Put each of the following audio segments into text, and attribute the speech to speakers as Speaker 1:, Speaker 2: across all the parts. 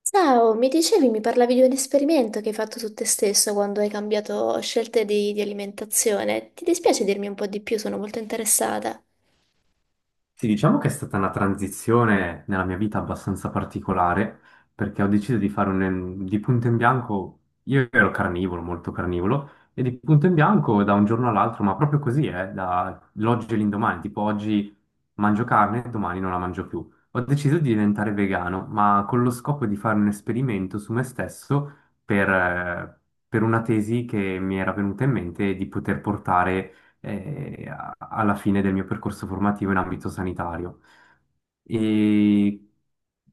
Speaker 1: Ciao, mi dicevi, mi parlavi di un esperimento che hai fatto tu te stesso quando hai cambiato scelte di alimentazione. Ti dispiace dirmi un po' di più? Sono molto interessata.
Speaker 2: Sì, diciamo che è stata una transizione nella mia vita abbastanza particolare, perché ho deciso di fare di punto in bianco, io ero carnivoro, molto carnivoro, e di punto in bianco da un giorno all'altro, ma proprio così, dall'oggi all'indomani, tipo oggi mangio carne, domani non la mangio più. Ho deciso di diventare vegano, ma con lo scopo di fare un esperimento su me stesso per, eh, per una tesi che mi era venuta in mente di poter portare alla fine del mio percorso formativo in ambito sanitario. E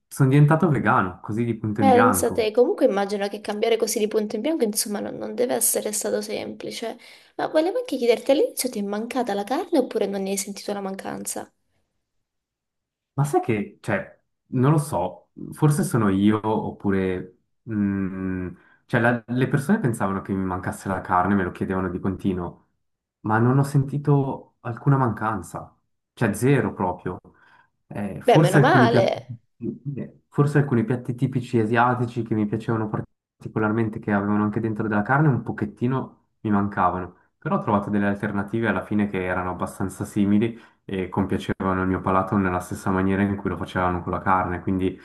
Speaker 2: sono diventato vegano, così di punto in
Speaker 1: Pensate,
Speaker 2: bianco.
Speaker 1: comunque immagino che cambiare così di punto in bianco, insomma, non deve essere stato semplice. Ma volevo anche chiederti, all'inizio ti è mancata la carne oppure non ne hai sentito la mancanza?
Speaker 2: Ma sai che, cioè, non lo so, forse sono io oppure... mm, cioè, le persone pensavano che mi mancasse la carne, me lo chiedevano di continuo, ma non ho sentito alcuna mancanza, cioè zero proprio.
Speaker 1: Beh, meno
Speaker 2: Forse alcuni piatti,
Speaker 1: male.
Speaker 2: forse alcuni piatti tipici asiatici che mi piacevano particolarmente, che avevano anche dentro della carne, un pochettino mi mancavano, però ho trovato delle alternative alla fine che erano abbastanza simili e compiacevano il mio palato nella stessa maniera in cui lo facevano con la carne, quindi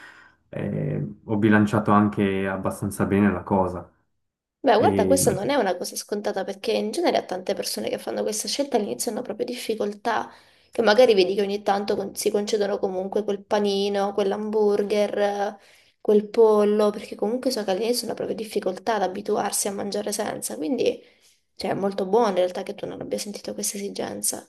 Speaker 2: ho bilanciato anche abbastanza bene la cosa.
Speaker 1: Beh, guarda,
Speaker 2: E
Speaker 1: questa non è una cosa scontata perché in genere a tante persone che fanno questa scelta all'inizio hanno proprio difficoltà, che magari vedi che ogni tanto si concedono comunque quel panino, quell'hamburger, quel pollo, perché comunque so che all'inizio hanno proprio difficoltà ad abituarsi a mangiare senza, quindi cioè, è molto buono in realtà che tu non abbia sentito questa esigenza.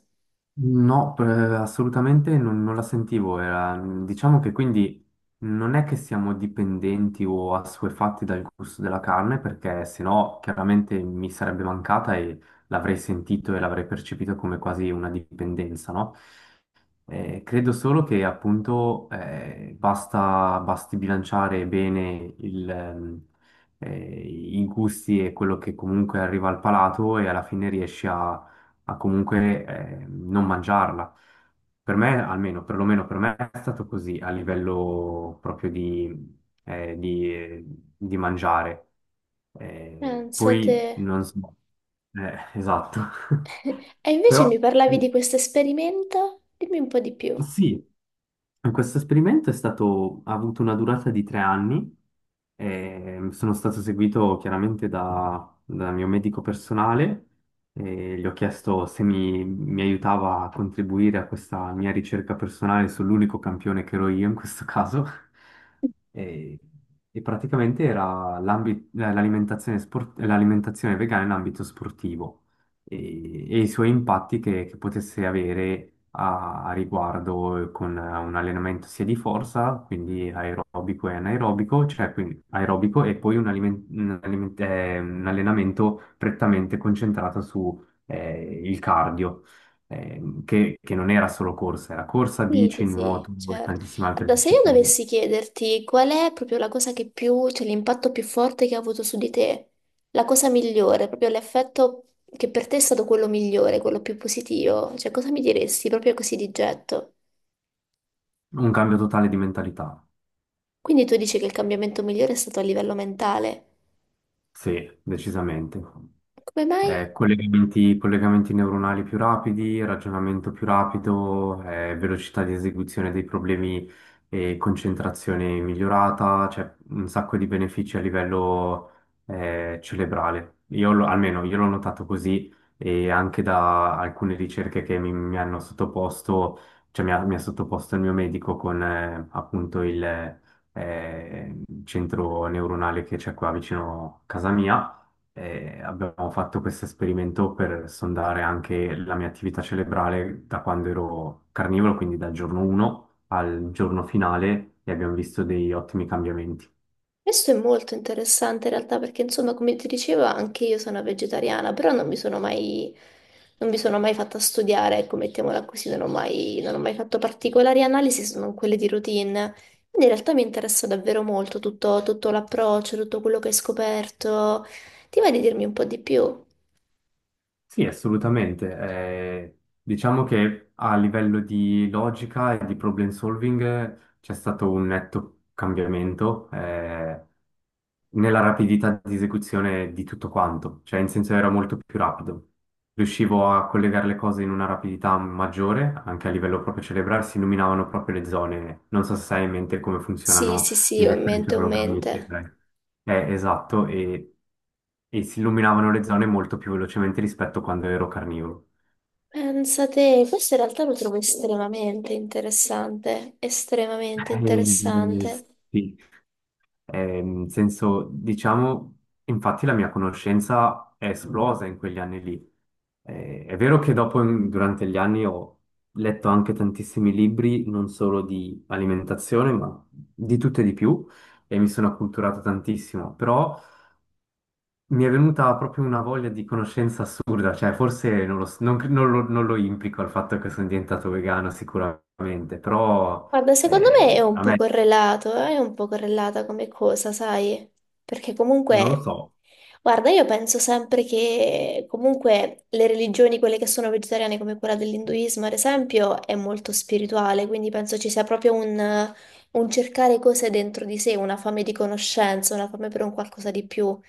Speaker 2: no, assolutamente non la sentivo. Diciamo che quindi non è che siamo dipendenti o assuefatti dal gusto della carne, perché sennò chiaramente mi sarebbe mancata e l'avrei sentito e l'avrei percepito come quasi una dipendenza, no? Credo solo che appunto basti bilanciare bene eh, i gusti e quello che comunque arriva al palato e alla fine riesci a comunque non mangiarla. Per me, almeno, perlomeno per me è stato così a livello proprio eh, di- eh, di mangiare.
Speaker 1: Pensa te.
Speaker 2: Poi non so, esatto.
Speaker 1: E invece
Speaker 2: Però.
Speaker 1: mi parlavi di questo esperimento? Dimmi un po' di più.
Speaker 2: Sì, questo esperimento ha avuto una durata di 3 anni. E sono stato seguito chiaramente dal mio medico personale e gli ho chiesto se mi aiutava a contribuire a questa mia ricerca personale sull'unico campione che ero io in questo caso. E, e praticamente era l'alimentazione vegana in ambito sportivo e i suoi impatti che potesse avere a riguardo con un allenamento sia di forza, quindi aerobico e anaerobico, cioè quindi aerobico e poi un allenamento prettamente concentrato su il cardio. Che non era solo corsa, era corsa,
Speaker 1: Sì, sì,
Speaker 2: bici,
Speaker 1: sì,
Speaker 2: nuoto e
Speaker 1: certo.
Speaker 2: tantissime altre
Speaker 1: Guarda, se io
Speaker 2: discipline.
Speaker 1: dovessi chiederti qual è proprio la cosa che più, cioè l'impatto più forte che ha avuto su di te, la cosa migliore, proprio l'effetto che per te è stato quello migliore, quello più positivo, cioè cosa mi diresti proprio così di getto?
Speaker 2: Un cambio totale di mentalità,
Speaker 1: Quindi tu dici che il cambiamento migliore è stato a livello mentale.
Speaker 2: sì, decisamente.
Speaker 1: Come mai?
Speaker 2: Collegamenti neuronali più rapidi, ragionamento più rapido, velocità di esecuzione dei problemi e concentrazione migliorata, cioè un sacco di benefici a livello cerebrale. Io almeno io l'ho notato così e anche da alcune ricerche che mi hanno sottoposto, cioè mi ha sottoposto il mio medico con appunto il centro neuronale che c'è qua vicino a casa mia. E abbiamo fatto questo esperimento per sondare anche la mia attività cerebrale da quando ero carnivoro, quindi dal giorno 1 al giorno finale, e abbiamo visto dei ottimi cambiamenti.
Speaker 1: Questo è molto interessante in realtà perché insomma come ti dicevo anche io sono vegetariana, però non mi sono mai fatta studiare, ecco, mettiamola così, non ho mai fatto particolari analisi se non quelle di routine. Quindi in realtà mi interessa davvero molto tutto, tutto l'approccio, tutto quello che hai scoperto. Ti va di dirmi un po' di più?
Speaker 2: Sì, assolutamente. Diciamo che a livello di logica e di problem solving c'è stato un netto cambiamento. Nella rapidità di esecuzione di tutto quanto, cioè in senso era molto più rapido. Riuscivo a collegare le cose in una rapidità maggiore, anche a livello proprio cerebrale, si illuminavano proprio le zone. Non so se sai in mente come
Speaker 1: Sì,
Speaker 2: funzionano
Speaker 1: sì,
Speaker 2: gli
Speaker 1: sì, ho in mente, ho in
Speaker 2: elettroencefalogrammi,
Speaker 1: mente.
Speaker 2: eccetera. Esatto, e si illuminavano le zone molto più velocemente rispetto a quando ero carnivoro.
Speaker 1: Pensa te, questo in realtà lo trovo estremamente interessante, estremamente
Speaker 2: Eh,
Speaker 1: interessante.
Speaker 2: sì, in senso, diciamo, infatti la mia conoscenza è esplosa in quegli anni lì. È vero che dopo, durante gli anni, ho letto anche tantissimi libri, non solo di alimentazione, ma di tutto e di più, e mi sono acculturato tantissimo, però mi è venuta proprio una voglia di conoscenza assurda, cioè forse non lo, s- non cre- non lo- non lo implico al fatto che sono diventato vegano sicuramente, però
Speaker 1: Guarda, secondo me è un
Speaker 2: a
Speaker 1: po'
Speaker 2: me
Speaker 1: correlato, è un po' correlata come cosa, sai? Perché
Speaker 2: non lo
Speaker 1: comunque,
Speaker 2: so.
Speaker 1: guarda, io penso sempre che comunque le religioni, quelle che sono vegetariane come quella dell'induismo, ad esempio, è molto spirituale, quindi penso ci sia proprio un cercare cose dentro di sé, una fame di conoscenza, una fame per un qualcosa di più.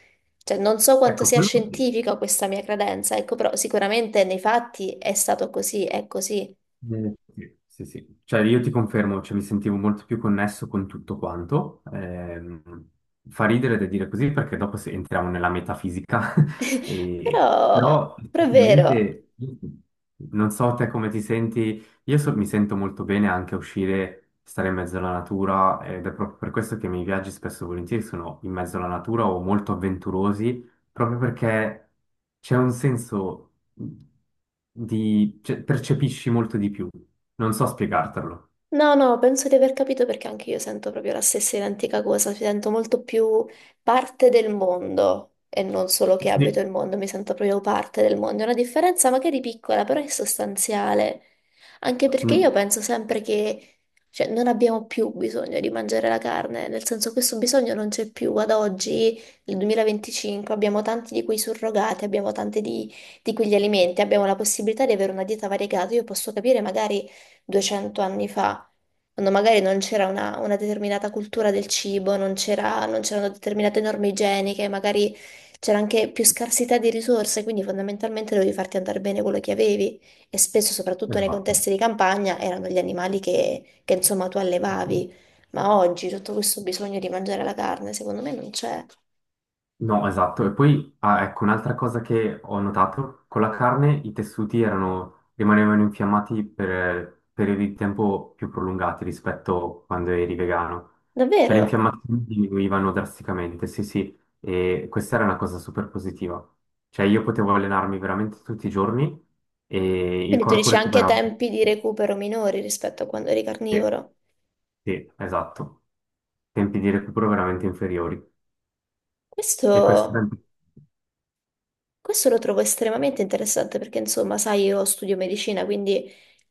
Speaker 1: Cioè, non so quanto
Speaker 2: Ecco,
Speaker 1: sia
Speaker 2: quello sì.
Speaker 1: scientifica questa mia credenza, ecco, però sicuramente nei fatti è stato così, è così.
Speaker 2: Sì, sì, sì. Cioè io ti confermo, cioè, mi sentivo molto più connesso con tutto quanto. Fa ridere da dire così perché dopo entriamo nella metafisica.
Speaker 1: Però,
Speaker 2: Però
Speaker 1: però è vero.
Speaker 2: effettivamente, non so te come ti senti, io mi sento molto bene anche a uscire, stare in mezzo alla natura ed è proprio per questo che i miei viaggi spesso e volentieri sono in mezzo alla natura o molto avventurosi proprio perché c'è un senso di... cioè, percepisci molto di più. Non so spiegartelo.
Speaker 1: No, no, penso di aver capito perché anche io sento proprio la stessa identica cosa, mi sento molto più parte del mondo e non solo che abito il
Speaker 2: Sì.
Speaker 1: mondo, mi sento proprio parte del mondo. È una differenza magari piccola, però è sostanziale, anche perché io
Speaker 2: Mm,
Speaker 1: penso sempre che, cioè, non abbiamo più bisogno di mangiare la carne, nel senso questo bisogno non c'è più. Ad oggi, nel 2025, abbiamo tanti di quei surrogati, abbiamo tanti di quegli alimenti, abbiamo la possibilità di avere una dieta variegata, io posso capire magari 200 anni fa, quando magari non c'era una determinata cultura del cibo, non c'erano determinate norme igieniche, magari c'era anche più scarsità di risorse, quindi fondamentalmente dovevi farti andare bene quello che avevi e spesso, soprattutto nei
Speaker 2: Esatto.
Speaker 1: contesti di campagna, erano gli animali insomma tu allevavi. Ma oggi tutto questo bisogno di mangiare la carne, secondo me non c'è.
Speaker 2: No, esatto. E poi, ah, ecco, un'altra cosa che ho notato, con la carne i tessuti erano, rimanevano infiammati per periodi di tempo più prolungati rispetto a quando eri vegano. Cioè le
Speaker 1: Davvero?
Speaker 2: infiammazioni diminuivano drasticamente, sì, sì, e questa era una cosa super positiva. Cioè io potevo allenarmi veramente tutti i giorni e il
Speaker 1: Quindi tu
Speaker 2: corpo
Speaker 1: dici anche
Speaker 2: recuperava.
Speaker 1: tempi di recupero minori rispetto a quando eri
Speaker 2: Sì,
Speaker 1: carnivoro.
Speaker 2: sì, esatto. Tempi di recupero veramente inferiori. E questa era
Speaker 1: Questo Questo lo trovo estremamente interessante perché, insomma, sai, io studio medicina, quindi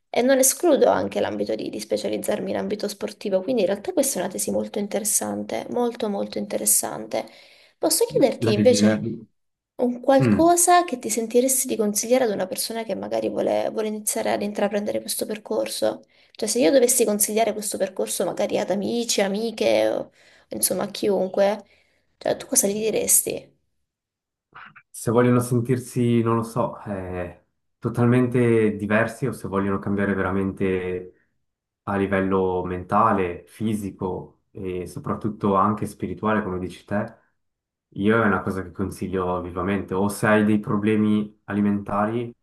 Speaker 1: e non escludo anche l'ambito di specializzarmi in ambito sportivo, quindi in realtà questa è una tesi molto interessante, molto molto interessante. Posso chiederti
Speaker 2: la
Speaker 1: invece
Speaker 2: rigenerazione.
Speaker 1: un qualcosa che ti sentiresti di consigliare ad una persona che magari vuole iniziare ad intraprendere questo percorso? Cioè, se io dovessi consigliare questo percorso magari ad amici, amiche, o, insomma, a chiunque, cioè, tu cosa gli diresti?
Speaker 2: Se vogliono sentirsi, non lo so, totalmente diversi o se vogliono cambiare veramente a livello mentale, fisico e soprattutto anche spirituale, come dici te, io è una cosa che consiglio vivamente. O se hai dei problemi alimentari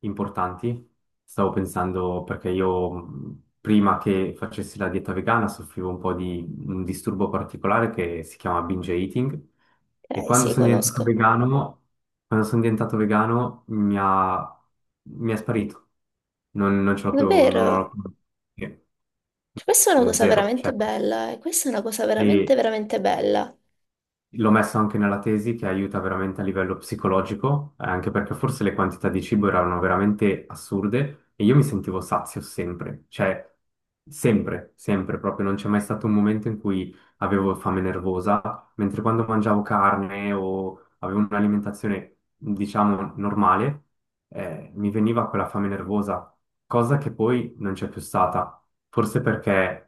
Speaker 2: importanti. Stavo pensando perché io prima che facessi la dieta vegana soffrivo un po' di un disturbo particolare che si chiama binge eating e quando
Speaker 1: Sì,
Speaker 2: sono diventato
Speaker 1: conosco.
Speaker 2: vegano, quando sono diventato vegano mi è sparito. Non ce l'ho più, non ho,
Speaker 1: Davvero?
Speaker 2: eh,
Speaker 1: Cioè, questa è una cosa
Speaker 2: zero,
Speaker 1: veramente
Speaker 2: cioè.
Speaker 1: bella, e questa è una cosa veramente,
Speaker 2: E,
Speaker 1: veramente bella.
Speaker 2: L'ho messo anche nella tesi che aiuta veramente a livello psicologico, anche perché forse le quantità di cibo erano veramente assurde e io mi sentivo sazio sempre, cioè sempre, sempre proprio, non c'è mai stato un momento in cui avevo fame nervosa, mentre quando mangiavo carne o avevo un'alimentazione, diciamo, normale, mi veniva quella fame nervosa, cosa che poi non c'è più stata, forse perché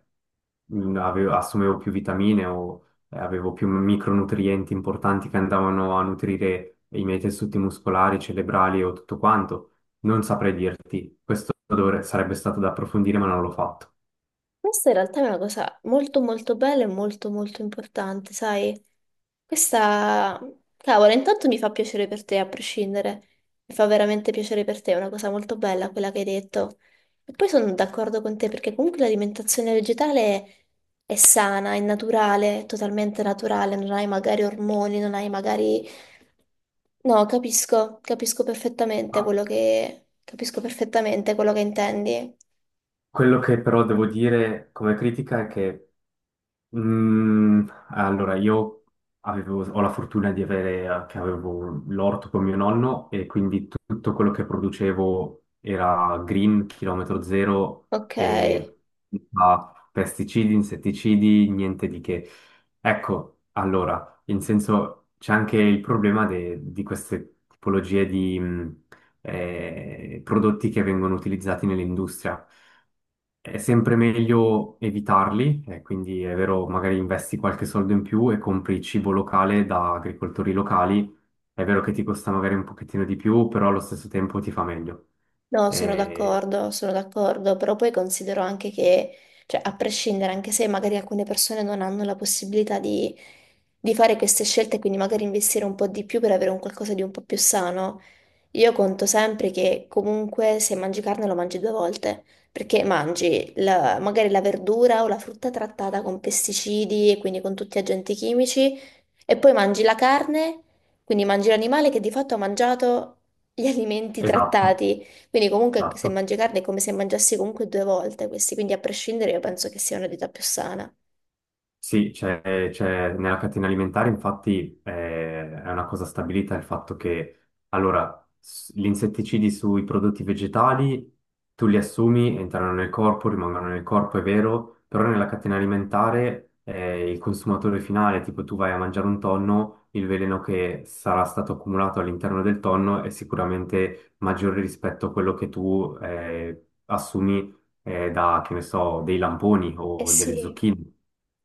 Speaker 2: assumevo più vitamine o avevo più micronutrienti importanti che andavano a nutrire i miei tessuti muscolari, cerebrali o tutto quanto. Non saprei dirti, questo sarebbe stato da approfondire, ma non l'ho fatto.
Speaker 1: Questa in realtà è una cosa molto, molto bella e molto, molto importante, sai? Questa, cavolo, intanto mi fa piacere per te a prescindere, mi fa veramente piacere per te, è una cosa molto bella quella che hai detto. E poi sono d'accordo con te perché comunque l'alimentazione vegetale è sana, è naturale, è totalmente naturale, non hai magari ormoni, non hai magari... No, capisco, capisco perfettamente
Speaker 2: Ma
Speaker 1: quello che... capisco perfettamente quello che intendi.
Speaker 2: quello che però devo dire come critica è che allora, io ho la fortuna di avere, che avevo l'orto con mio nonno e quindi tutto quello che producevo era green, chilometro zero
Speaker 1: Ok.
Speaker 2: e senza pesticidi, insetticidi, niente di che. Ecco, allora, in senso c'è anche il problema di queste tipologie di prodotti che vengono utilizzati nell'industria. È sempre meglio evitarli, quindi è vero, magari investi qualche soldo in più e compri cibo locale da agricoltori locali. È vero che ti costa magari un pochettino di più, però allo stesso tempo ti fa meglio.
Speaker 1: No,
Speaker 2: Eh,
Speaker 1: sono d'accordo, però poi considero anche che, cioè, a prescindere, anche se magari alcune persone non hanno la possibilità di fare queste scelte, quindi magari investire un po' di più per avere un qualcosa di un po' più sano, io conto sempre che comunque se mangi carne lo mangi due volte, perché mangi magari la verdura o la frutta trattata con pesticidi e quindi con tutti gli agenti chimici e poi mangi la carne, quindi mangi l'animale che di fatto ha mangiato gli alimenti
Speaker 2: esatto,
Speaker 1: trattati. Quindi comunque se
Speaker 2: esatto.
Speaker 1: mangi carne è come se mangiassi comunque due volte questi, quindi a prescindere io penso che sia una dieta più sana.
Speaker 2: Sì, nella catena alimentare infatti è una cosa stabilita il fatto che allora, gli insetticidi sui prodotti vegetali tu li assumi, entrano nel corpo, rimangono nel corpo, è vero, però nella catena alimentare il consumatore finale, tipo tu vai a mangiare un tonno, il veleno che sarà stato accumulato all'interno del tonno è sicuramente maggiore rispetto a quello che tu assumi da, che ne so, dei lamponi
Speaker 1: Eh
Speaker 2: o delle
Speaker 1: sì,
Speaker 2: zucchine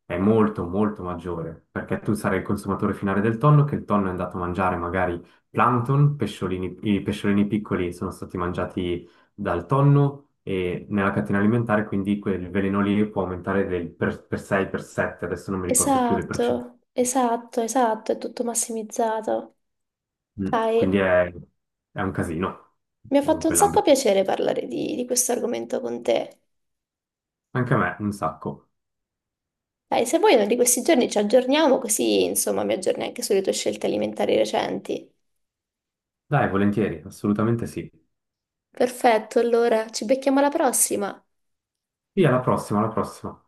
Speaker 2: è molto molto maggiore, perché tu sarai il consumatore finale del tonno, che il tonno è andato a mangiare magari plankton, pesciolini, i pesciolini piccoli sono stati mangiati dal tonno e nella catena alimentare quindi quel veleno lì può aumentare del per 6, per 7, adesso non mi ricordo più le percentuali.
Speaker 1: esatto, esatto, esatto, è tutto massimizzato.
Speaker 2: Mm,
Speaker 1: Dai.
Speaker 2: Quindi è un casino
Speaker 1: Mi ha
Speaker 2: in
Speaker 1: fatto un sacco
Speaker 2: quell'ambito.
Speaker 1: piacere parlare di questo argomento con te.
Speaker 2: Anche a me, un sacco.
Speaker 1: Dai, se vuoi, uno di questi giorni ci aggiorniamo, così insomma mi aggiorni anche sulle tue scelte alimentari recenti.
Speaker 2: Dai, volentieri, assolutamente sì.
Speaker 1: Perfetto, allora ci becchiamo alla prossima.
Speaker 2: Via, alla prossima, alla prossima.